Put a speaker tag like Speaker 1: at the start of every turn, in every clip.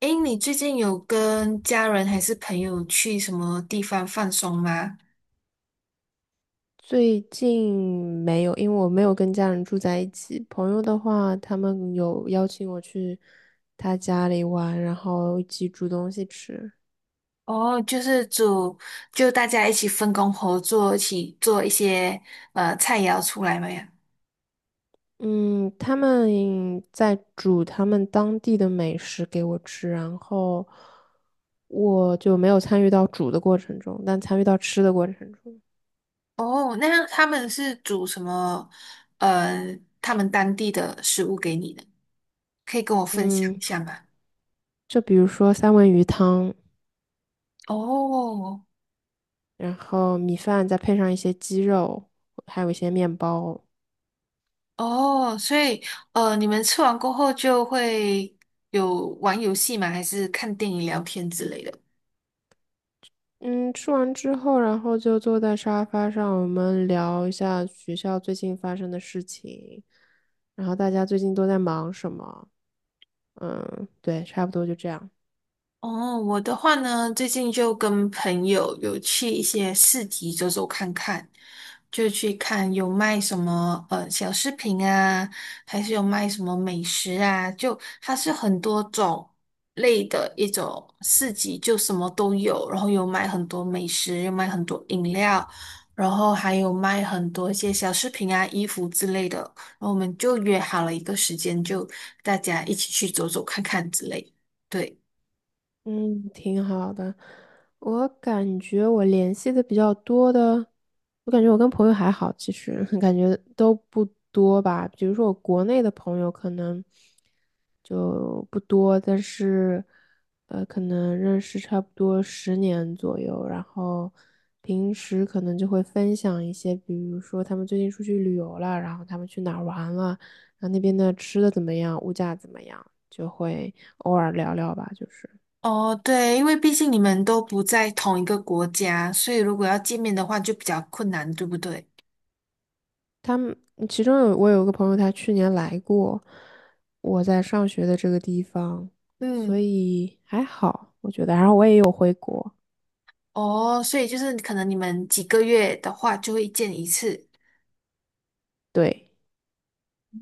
Speaker 1: 诶，你最近有跟家人还是朋友去什么地方放松吗？
Speaker 2: 最近没有，因为我没有跟家人住在一起。朋友的话，他们有邀请我去他家里玩，然后一起煮东西吃。
Speaker 1: 哦，就是煮，就大家一起分工合作，一起做一些菜肴出来嘛呀。
Speaker 2: 嗯，他们在煮他们当地的美食给我吃，然后我就没有参与到煮的过程中，但参与到吃的过程中。
Speaker 1: 哦，那他们是煮什么？他们当地的食物给你的，可以跟我分享
Speaker 2: 嗯，
Speaker 1: 一下吗？
Speaker 2: 就比如说三文鱼汤，
Speaker 1: 哦
Speaker 2: 然后米饭再配上一些鸡肉，还有一些面包。
Speaker 1: 哦，所以你们吃完过后就会有玩游戏吗？还是看电影、聊天之类的？
Speaker 2: 嗯，吃完之后，然后就坐在沙发上，我们聊一下学校最近发生的事情，然后大家最近都在忙什么？嗯，对，差不多就这样。
Speaker 1: 哦，我的话呢，最近就跟朋友有去一些市集走走看看，就去看有卖什么小饰品啊，还是有卖什么美食啊，就它是很多种类的一种市集，就什么都有，然后有卖很多美食，有卖很多饮料，然后还有卖很多一些小饰品啊、衣服之类的，然后我们就约好了一个时间，就大家一起去走走看看之类，对。
Speaker 2: 嗯，挺好的。我感觉我联系的比较多的，我感觉我跟朋友还好，其实 感觉都不多吧。比如说我国内的朋友可能就不多，但是可能认识差不多10年左右，然后平时可能就会分享一些，比如说他们最近出去旅游了，然后他们去哪儿玩了，然后那边的吃的怎么样，物价怎么样，就会偶尔聊聊吧，就是。
Speaker 1: 哦，对，因为毕竟你们都不在同一个国家，所以如果要见面的话就比较困难，对不对？
Speaker 2: 他们其中有我有个朋友，他去年来过我在上学的这个地方，所
Speaker 1: 嗯，
Speaker 2: 以还好，我觉得。然后我也有回国。
Speaker 1: 哦，所以就是可能你们几个月的话就会见一次。
Speaker 2: 对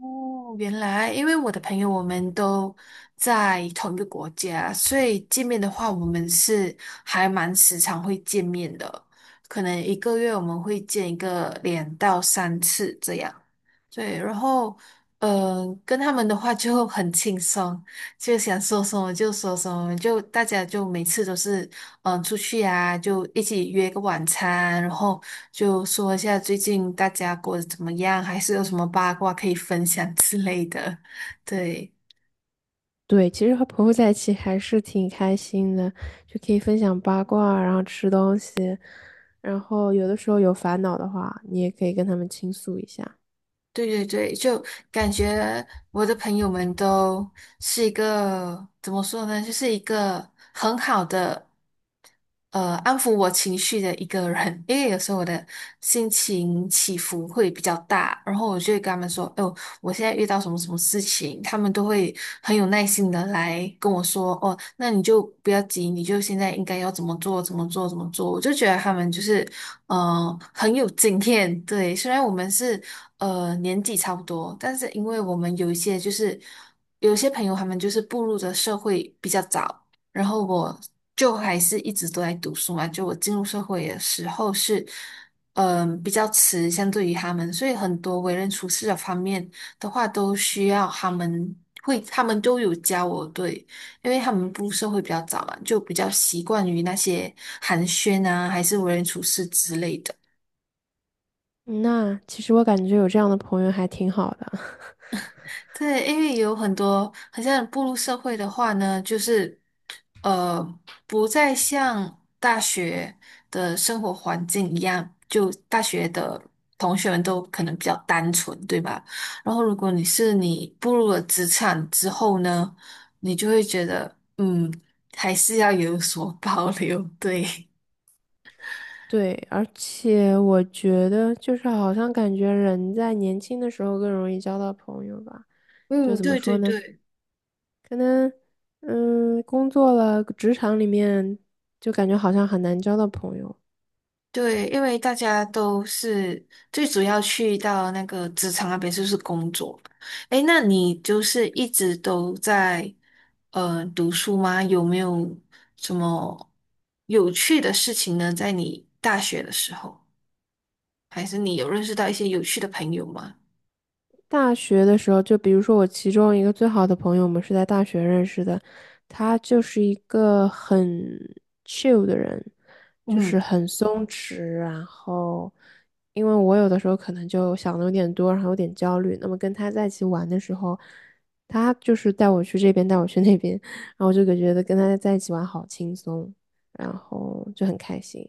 Speaker 1: 哦，原来因为我的朋友我们都在同一个国家，所以见面的话我们是还蛮时常会见面的，可能一个月我们会见一个两到三次这样。对，然后跟他们的话就很轻松，就想说什么就说什么，就大家就每次都是出去啊，就一起约个晚餐，然后就说一下最近大家过得怎么样，还是有什么八卦可以分享之类的。对，
Speaker 2: 对，其实和朋友在一起还是挺开心的，就可以分享八卦啊，然后吃东西，然后有的时候有烦恼的话，你也可以跟他们倾诉一下。
Speaker 1: 对对对，就感觉我的朋友们都是一个，怎么说呢，就是一个很好的。安抚我情绪的一个人，因为有时候我的心情起伏会比较大，然后我就会跟他们说，哦，我现在遇到什么什么事情，他们都会很有耐心的来跟我说，哦，那你就不要急，你就现在应该要怎么做，怎么做，怎么做。我就觉得他们就是，很有经验。对，虽然我们是年纪差不多，但是因为我们有一些就是有一些朋友他们就是步入的社会比较早，然后我就还是一直都在读书嘛，就我进入社会的时候是。嗯，比较迟，相对于他们，所以很多为人处事的方面的话，都需要他们会，他们都有教我，对，因为他们步入社会比较早嘛，就比较习惯于那些寒暄啊，还是为人处事之类的。
Speaker 2: 那其实我感觉有这样的朋友还挺好的。
Speaker 1: 对，因为有很多，很像步入社会的话呢，就是呃，不再像大学的生活环境一样，就大学的同学们都可能比较单纯，对吧？然后，如果你是你步入了职场之后呢，你就会觉得，嗯，还是要有所 保留，对。
Speaker 2: 对，而且我觉得就是好像感觉人在年轻的时候更容易交到朋友吧，就
Speaker 1: 嗯，
Speaker 2: 怎么
Speaker 1: 对
Speaker 2: 说
Speaker 1: 对
Speaker 2: 呢？
Speaker 1: 对。
Speaker 2: 可能工作了，职场里面就感觉好像很难交到朋友。
Speaker 1: 对，因为大家都是最主要去到那个职场那边就是工作。诶，那你就是一直都在读书吗？有没有什么有趣的事情呢？在你大学的时候，还是你有认识到一些有趣的朋友吗？
Speaker 2: 大学的时候，就比如说我其中一个最好的朋友，我们是在大学认识的，他就是一个很 chill 的人，就是
Speaker 1: 嗯，
Speaker 2: 很松弛。然后，因为我有的时候可能就想的有点多，然后有点焦虑，那么跟他在一起玩的时候，他就是带我去这边，带我去那边，然后我就觉得跟他在一起玩好轻松，然后就很开心，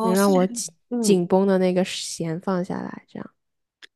Speaker 2: 能让
Speaker 1: 是，
Speaker 2: 我紧
Speaker 1: 嗯，
Speaker 2: 紧绷的那个弦放下来，这样。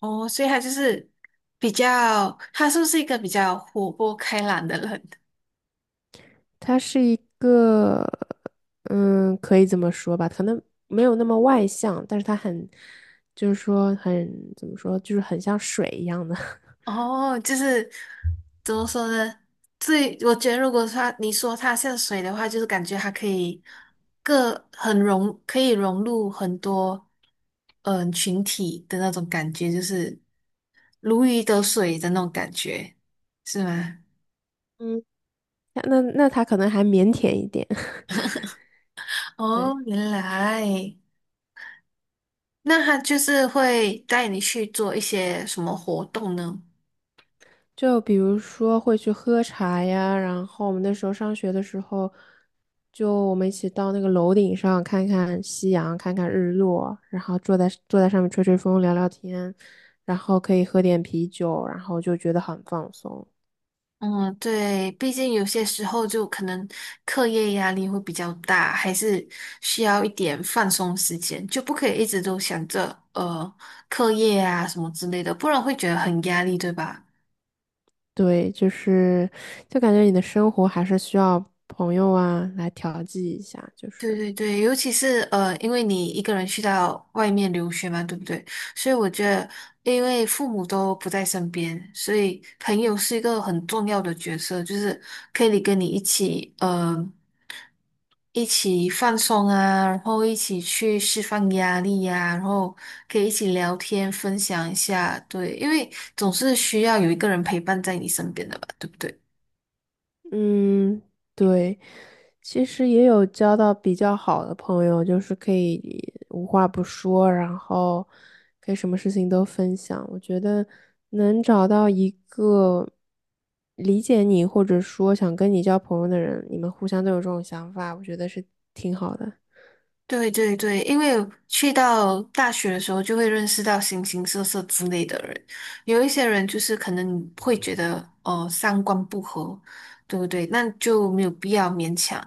Speaker 1: 哦，所以他就是比较，他是不是一个比较活泼开朗的人？
Speaker 2: 他是一个，可以这么说吧，可能没有那么外向，但是他很，就是说很，怎么说，就是很像水一样的。
Speaker 1: 哦，就是怎么说呢？最我觉得，如果它你说它像水的话，就是感觉它可以各很融，可以融入很多群体的那种感觉，就是如鱼得水的那种感觉，是吗？
Speaker 2: 嗯，那他可能还腼腆一点。
Speaker 1: 哦，
Speaker 2: 对，
Speaker 1: 原来那它就是会带你去做一些什么活动呢？
Speaker 2: 就比如说会去喝茶呀，然后我们那时候上学的时候，就我们一起到那个楼顶上看看夕阳，看看日落，然后坐在上面吹吹风，聊聊天，然后可以喝点啤酒，然后就觉得很放松。
Speaker 1: 嗯，对，毕竟有些时候就可能课业压力会比较大，还是需要一点放松时间，就不可以一直都想着课业啊什么之类的，不然会觉得很压力，对吧？
Speaker 2: 对，就感觉你的生活还是需要朋友啊来调剂一下，就
Speaker 1: 对
Speaker 2: 是
Speaker 1: 对对，尤其是因为你一个人去到外面留学嘛，对不对？所以我觉得，因为父母都不在身边，所以朋友是一个很重要的角色，就是可以跟你一起，一起放松啊，然后一起去释放压力呀、然后可以一起聊天，分享一下，对，因为总是需要有一个人陪伴在你身边的吧，对不对？
Speaker 2: 嗯，对，其实也有交到比较好的朋友，就是可以无话不说，然后可以什么事情都分享。我觉得能找到一个理解你或者说想跟你交朋友的人，你们互相都有这种想法，我觉得是挺好的。
Speaker 1: 对对对，因为去到大学的时候，就会认识到形形色色之类的人。有一些人就是可能你会觉得，哦，三观不合，对不对？那就没有必要勉强，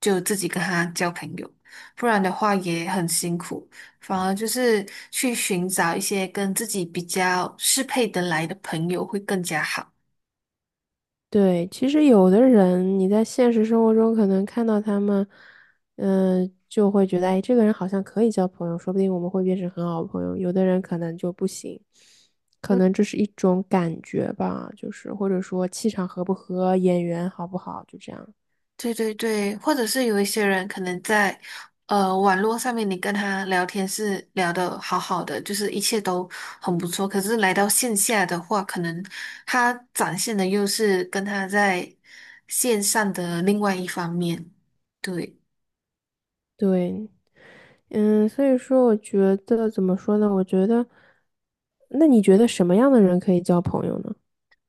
Speaker 1: 就自己跟他交朋友，不然的话也很辛苦。反而就是去寻找一些跟自己比较适配得来的朋友会更加好。
Speaker 2: 对，其实有的人你在现实生活中可能看到他们，就会觉得，哎，这个人好像可以交朋友，说不定我们会变成很好的朋友。有的人可能就不行，可能这是一种感觉吧，就是或者说气场合不合，眼缘好不好，就这样。
Speaker 1: 对对对，或者是有一些人可能在网络上面，你跟他聊天是聊得好好的，就是一切都很不错。可是来到线下的话，可能他展现的又是跟他在线上的另外一方面。对，
Speaker 2: 对，所以说我觉得怎么说呢？我觉得，那你觉得什么样的人可以交朋友呢？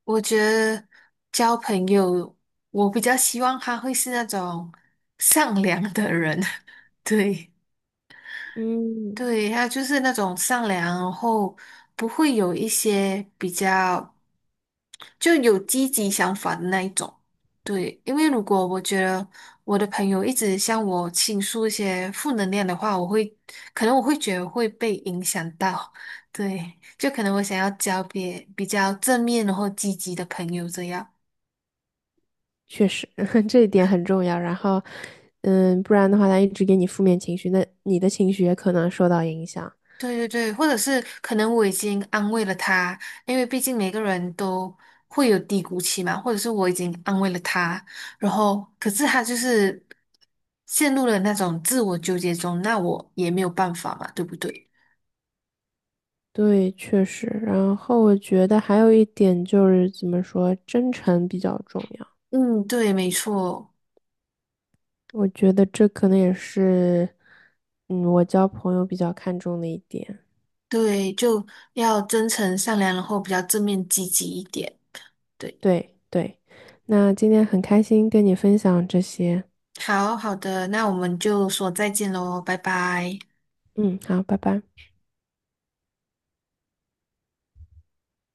Speaker 1: 我觉得交朋友，我比较希望他会是那种善良的人。对。
Speaker 2: 嗯。
Speaker 1: 对，他就是那种善良，然后不会有一些比较。就有积极想法的那一种。对，因为如果我觉得我的朋友一直向我倾诉一些负能量的话，我会可能我会觉得会被影响到。对，就可能我想要交别比较正面或积极的朋友这样。
Speaker 2: 确实，这一点很重要。然后，不然的话，他一直给你负面情绪，那你的情绪也可能受到影响。
Speaker 1: 对对对，或者是可能我已经安慰了他，因为毕竟每个人都会有低谷期嘛，或者是我已经安慰了他，然后可是他就是陷入了那种自我纠结中，那我也没有办法嘛，对不对？
Speaker 2: 对，确实。然后我觉得还有一点就是怎么说，真诚比较重要。
Speaker 1: 嗯，对，没错，
Speaker 2: 我觉得这可能也是，我交朋友比较看重的一点。
Speaker 1: 对，就要真诚善良，然后比较正面积极一点。对，
Speaker 2: 对对。那今天很开心跟你分享这些。
Speaker 1: 好好的，那我们就说再见喽，拜拜。
Speaker 2: 嗯，好，拜拜。